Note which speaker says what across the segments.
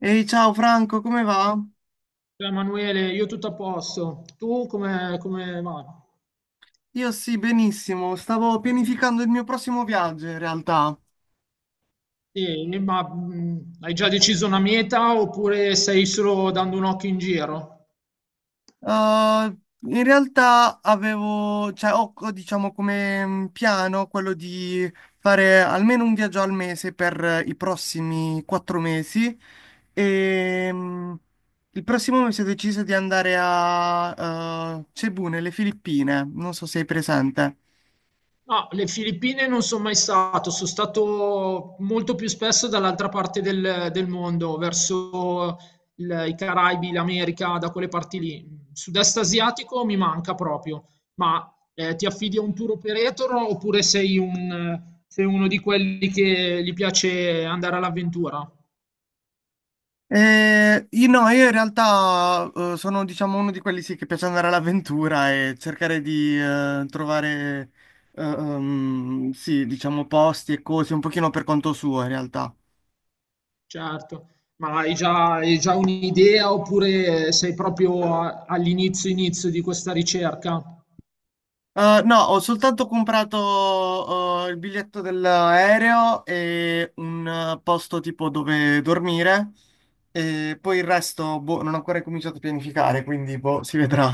Speaker 1: Ehi, ciao Franco, come va?
Speaker 2: Ciao Emanuele, io tutto a posto. Tu come va?
Speaker 1: Io sì, benissimo. Stavo pianificando il mio prossimo viaggio in realtà.
Speaker 2: Sì, ma hai già deciso una meta oppure stai solo dando un occhio in giro?
Speaker 1: Eh, In realtà avevo, cioè, ho, diciamo come piano quello di fare almeno un viaggio al mese per i prossimi 4 mesi. E il prossimo mese ho deciso di andare a Cebu, nelle Filippine. Non so se sei presente.
Speaker 2: No, le Filippine non sono mai stato, sono stato molto più spesso dall'altra parte del mondo, verso i Caraibi, l'America, da quelle parti lì. Sud-est asiatico mi manca proprio, ma ti affidi a un tour operator oppure sei uno di quelli che gli piace andare all'avventura?
Speaker 1: Io no, io in realtà sono diciamo uno di quelli sì, che piace andare all'avventura e cercare di trovare sì, diciamo posti e cose un pochino per conto suo in realtà.
Speaker 2: Certo, ma hai già un'idea oppure sei proprio all'inizio inizio di questa ricerca?
Speaker 1: No, ho soltanto comprato il biglietto dell'aereo e un posto tipo dove dormire e poi il resto boh, non ho ancora cominciato a pianificare, quindi boh, si vedrà.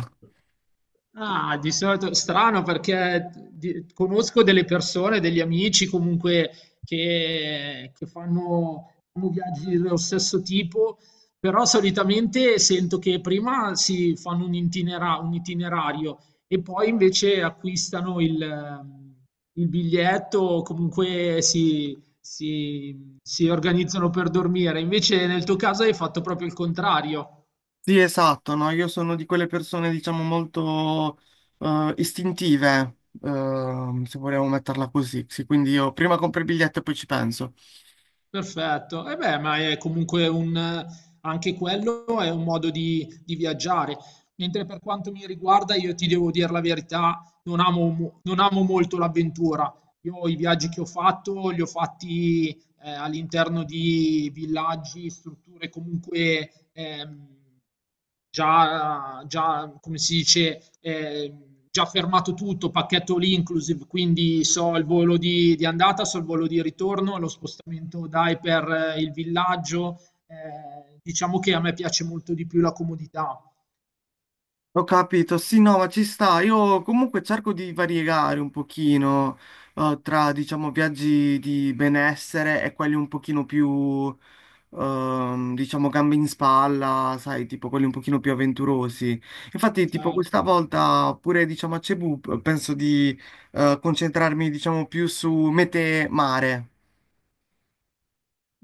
Speaker 2: Ah, di solito strano perché conosco delle persone, degli amici comunque che fanno viaggi dello stesso tipo, però solitamente sento che prima si fanno un un itinerario e poi invece acquistano il biglietto, comunque si organizzano per dormire. Invece nel tuo caso hai fatto proprio il contrario.
Speaker 1: Sì, esatto, no? Io sono di quelle persone, diciamo, molto istintive, se vogliamo metterla così. Sì, quindi io prima compro il biglietto e poi ci penso.
Speaker 2: Perfetto. E beh, ma è comunque anche quello è un modo di viaggiare. Mentre per quanto mi riguarda, io ti devo dire la verità, non amo molto l'avventura. Io i viaggi che ho fatto li ho fatti all'interno di villaggi, strutture comunque già, come si dice, già fermato tutto, pacchetto all inclusive, quindi so il volo di andata, so il volo di ritorno, lo spostamento dai per il villaggio. Diciamo che a me piace molto di più la comodità.
Speaker 1: Ho capito, sì, no, ma ci sta. Io comunque cerco di variegare un pochino, tra, diciamo, viaggi di benessere e quelli un pochino più, diciamo, gambe in spalla, sai, tipo quelli un pochino più avventurosi. Infatti, tipo,
Speaker 2: Cioè.
Speaker 1: questa volta pure, diciamo, a Cebu penso di concentrarmi, diciamo, più su mete mare.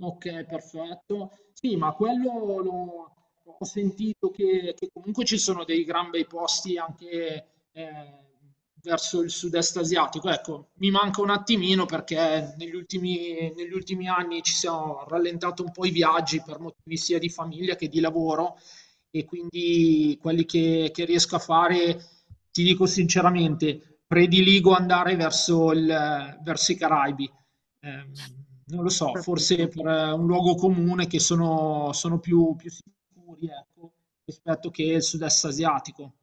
Speaker 2: Ok, perfetto. Sì, ma quello ho sentito che comunque ci sono dei gran bei posti anche eh, verso il sud-est asiatico. Ecco, mi manca un attimino perché negli ultimi anni ci siamo rallentati un po' i viaggi per motivi sia di famiglia che di lavoro e quindi quelli che riesco a fare, ti dico sinceramente, prediligo andare verso verso i Caraibi. Non lo so, forse
Speaker 1: Capito.
Speaker 2: per un luogo comune che sono più sicuri, ecco, rispetto che il sud-est asiatico.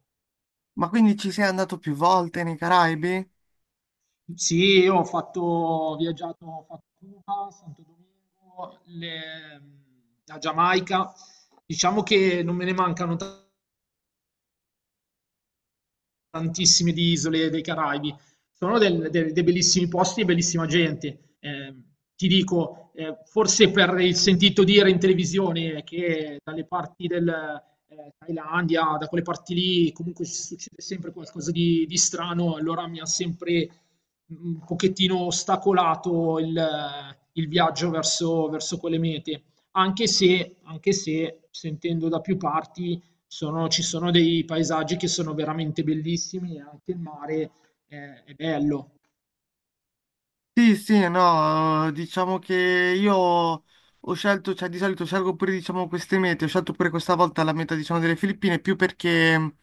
Speaker 1: Ma quindi ci sei andato più volte nei Caraibi?
Speaker 2: Sì, io ho fatto, ho viaggiato, ho fatto Cuba, Santo Domingo, la Giamaica. Diciamo che non me ne mancano tanti tantissime di isole dei Caraibi. Sono dei bellissimi posti e bellissima gente. Ti dico, forse per il sentito dire in televisione che dalle parti del Thailandia, da quelle parti lì, comunque ci succede sempre qualcosa di strano, allora mi ha sempre un pochettino ostacolato il viaggio verso quelle mete anche se sentendo da più parti ci sono dei paesaggi che sono veramente bellissimi e anche il mare è bello.
Speaker 1: Sì, sì, no, diciamo che io ho scelto, cioè di solito scelgo pure diciamo queste mete, ho scelto pure questa volta la meta diciamo delle Filippine più perché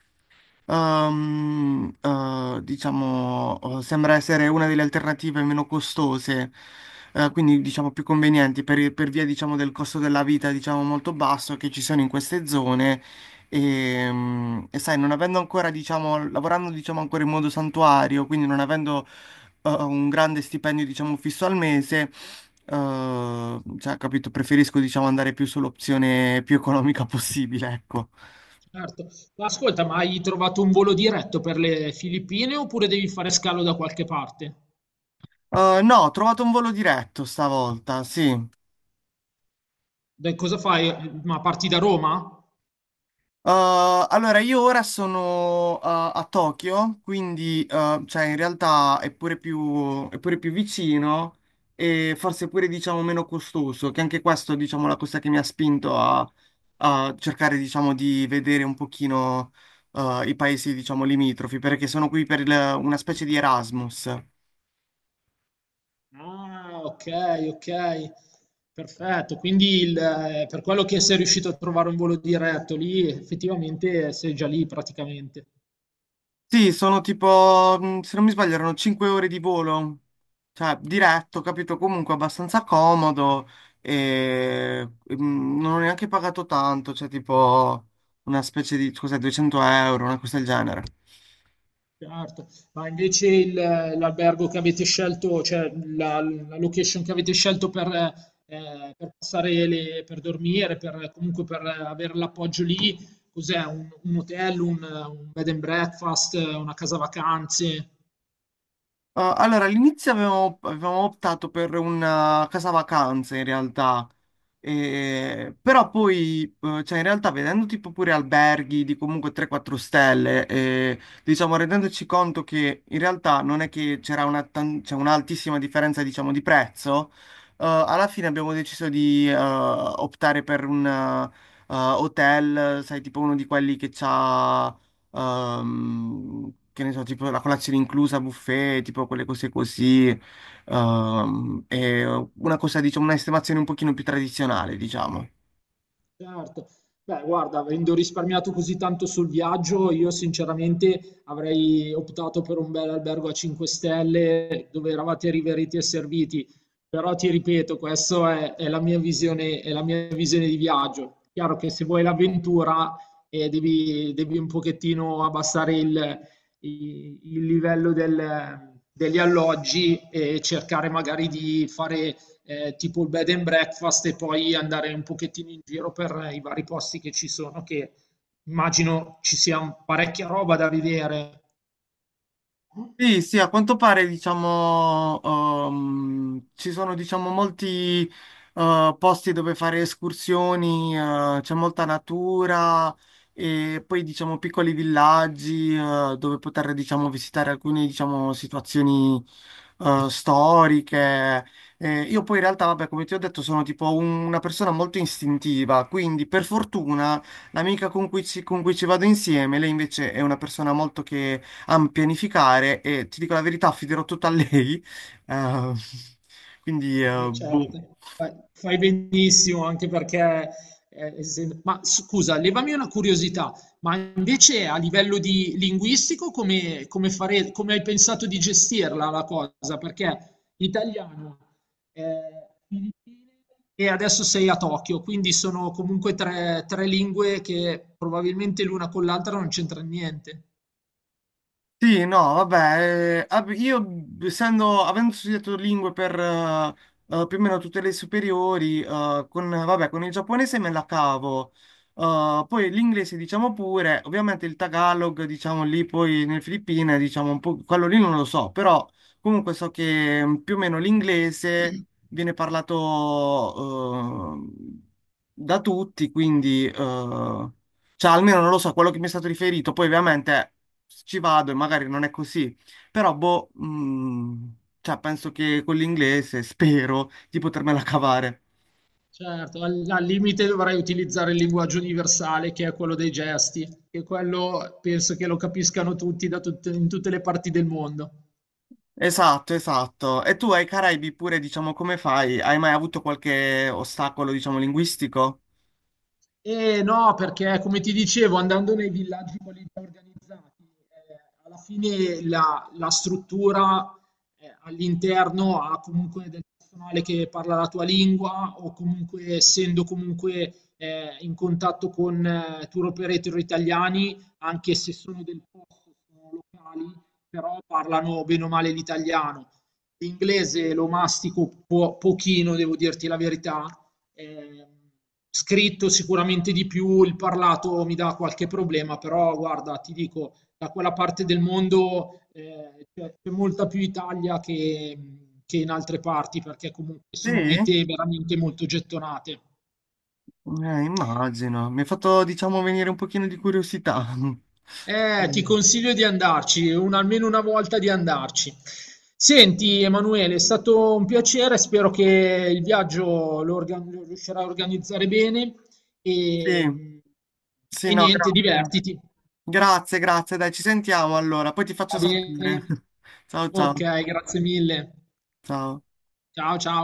Speaker 1: Diciamo, sembra essere una delle alternative meno costose, quindi diciamo più convenienti per via, diciamo, del costo della vita, diciamo, molto basso che ci sono in queste zone. E sai, non avendo ancora, diciamo, lavorando, diciamo, ancora in modo santuario, quindi non avendo un grande stipendio, diciamo, fisso al mese, cioè, capito, preferisco, diciamo, andare più sull'opzione più economica possibile, ecco.
Speaker 2: Certo. Ma ascolta, ma hai trovato un volo diretto per le Filippine oppure devi fare scalo da qualche parte?
Speaker 1: No, ho trovato un volo diretto stavolta, sì.
Speaker 2: Cosa fai? Ma parti da Roma?
Speaker 1: Allora, io ora sono a Tokyo, quindi cioè, in realtà è pure più vicino e forse pure diciamo meno costoso, che anche questo diciamo la cosa che mi ha spinto a cercare diciamo di vedere un pochino i paesi diciamo limitrofi, perché sono qui per una specie di Erasmus.
Speaker 2: Ah, ok, ok. Perfetto. Quindi per quello che sei riuscito a trovare un volo diretto lì, effettivamente sei già lì praticamente.
Speaker 1: Sì, sono tipo, se non mi sbaglio, erano 5 ore di volo, cioè diretto, capito? Comunque abbastanza comodo e non ho neanche pagato tanto, cioè tipo una specie di, cos'è, 200 euro, una cosa del genere.
Speaker 2: Certo, ma invece l'albergo che avete scelto, cioè la location che avete scelto per passare per dormire, comunque per avere l'appoggio lì, cos'è? Un hotel, un bed and breakfast, una casa vacanze?
Speaker 1: Allora, all'inizio avevamo optato per una casa vacanza in realtà, però poi cioè in realtà vedendo tipo pure alberghi di comunque 3-4 stelle, e, diciamo rendendoci conto che in realtà non è che c'era c'è un'altissima differenza diciamo di prezzo, alla fine abbiamo deciso di optare per un hotel, sai tipo uno di quelli che c'ha che ne so, tipo la colazione inclusa, buffet, tipo quelle cose così, è una cosa, diciamo, un'estimazione un pochino più tradizionale, diciamo.
Speaker 2: Certo. Beh, guarda, avendo risparmiato così tanto sul viaggio, io sinceramente avrei optato per un bel albergo a 5 stelle dove eravate riveriti e serviti. Però ti ripeto, questa è la mia visione, è la mia visione di viaggio. Chiaro che se vuoi l'avventura devi un pochettino abbassare il livello degli alloggi e cercare magari di fare tipo il bed and breakfast e poi andare un pochettino in giro per i vari posti che ci sono, che immagino ci sia parecchia roba da vedere.
Speaker 1: Sì, sì, a quanto pare, diciamo, ci sono, diciamo, molti, posti dove fare escursioni, c'è molta natura e poi, diciamo, piccoli villaggi, dove poter, diciamo, visitare alcune, diciamo, situazioni, storiche. Io poi in realtà, vabbè, come ti ho detto, sono tipo una persona molto istintiva, quindi per fortuna l'amica con cui ci vado insieme, lei invece è una persona molto che a pianificare e ti dico la verità, affiderò tutto a lei. Eh, quindi,
Speaker 2: Beh,
Speaker 1: boh.
Speaker 2: certo, fai benissimo anche perché, essendo ma scusa, levami una curiosità, ma invece a livello di linguistico come fare come hai pensato di gestirla la cosa? Perché italiano, Filippine e adesso sei a Tokyo, quindi sono comunque 3 lingue che probabilmente l'una con l'altra non c'entra niente.
Speaker 1: Sì, no, vabbè, io essendo, avendo studiato lingue per più o meno tutte le superiori, con, vabbè, con il giapponese me la cavo. Poi l'inglese diciamo pure, ovviamente il Tagalog diciamo lì poi nelle Filippine diciamo un po', quello lì non lo so, però comunque so che più o meno l'inglese viene parlato da tutti, quindi, cioè, almeno non lo so, quello che mi è stato riferito. Poi, ovviamente ci vado e magari non è così, però boh, cioè penso che con l'inglese spero di potermela cavare.
Speaker 2: Certo, al limite dovrei utilizzare il linguaggio universale, che è quello dei gesti, che quello penso che lo capiscano tutti da in tutte le parti del mondo.
Speaker 1: Esatto, esatto. E tu ai Caraibi pure, diciamo, come fai? Hai mai avuto qualche ostacolo, diciamo, linguistico?
Speaker 2: Eh no, perché come ti dicevo, andando nei villaggi quelli già organizzati, alla fine la struttura all'interno ha comunque del personale che parla la tua lingua o comunque essendo comunque in contatto con tour operator italiani, anche se sono del posto, sono locali, però parlano bene o male l'italiano. L'inglese lo mastico pochino, devo dirti la verità. Ehm, Scritto sicuramente di più, il parlato mi dà qualche problema, però guarda, ti dico, da quella parte del mondo c'è molta più Italia che in altre parti, perché comunque
Speaker 1: Sì,
Speaker 2: sono mete veramente molto gettonate.
Speaker 1: immagino. Mi ha fatto, diciamo, venire un pochino di curiosità.
Speaker 2: Ti consiglio di andarci, almeno una volta di andarci. Senti, Emanuele, è stato un piacere, spero che il viaggio lo riuscirai a organizzare bene e,
Speaker 1: Sì, sì,
Speaker 2: e
Speaker 1: no,
Speaker 2: niente,
Speaker 1: grazie.
Speaker 2: divertiti.
Speaker 1: Grazie, grazie, dai, ci sentiamo allora, poi ti faccio
Speaker 2: Va
Speaker 1: sapere.
Speaker 2: bene.
Speaker 1: Ciao,
Speaker 2: Ok,
Speaker 1: ciao,
Speaker 2: grazie mille.
Speaker 1: ciao.
Speaker 2: Ciao ciao.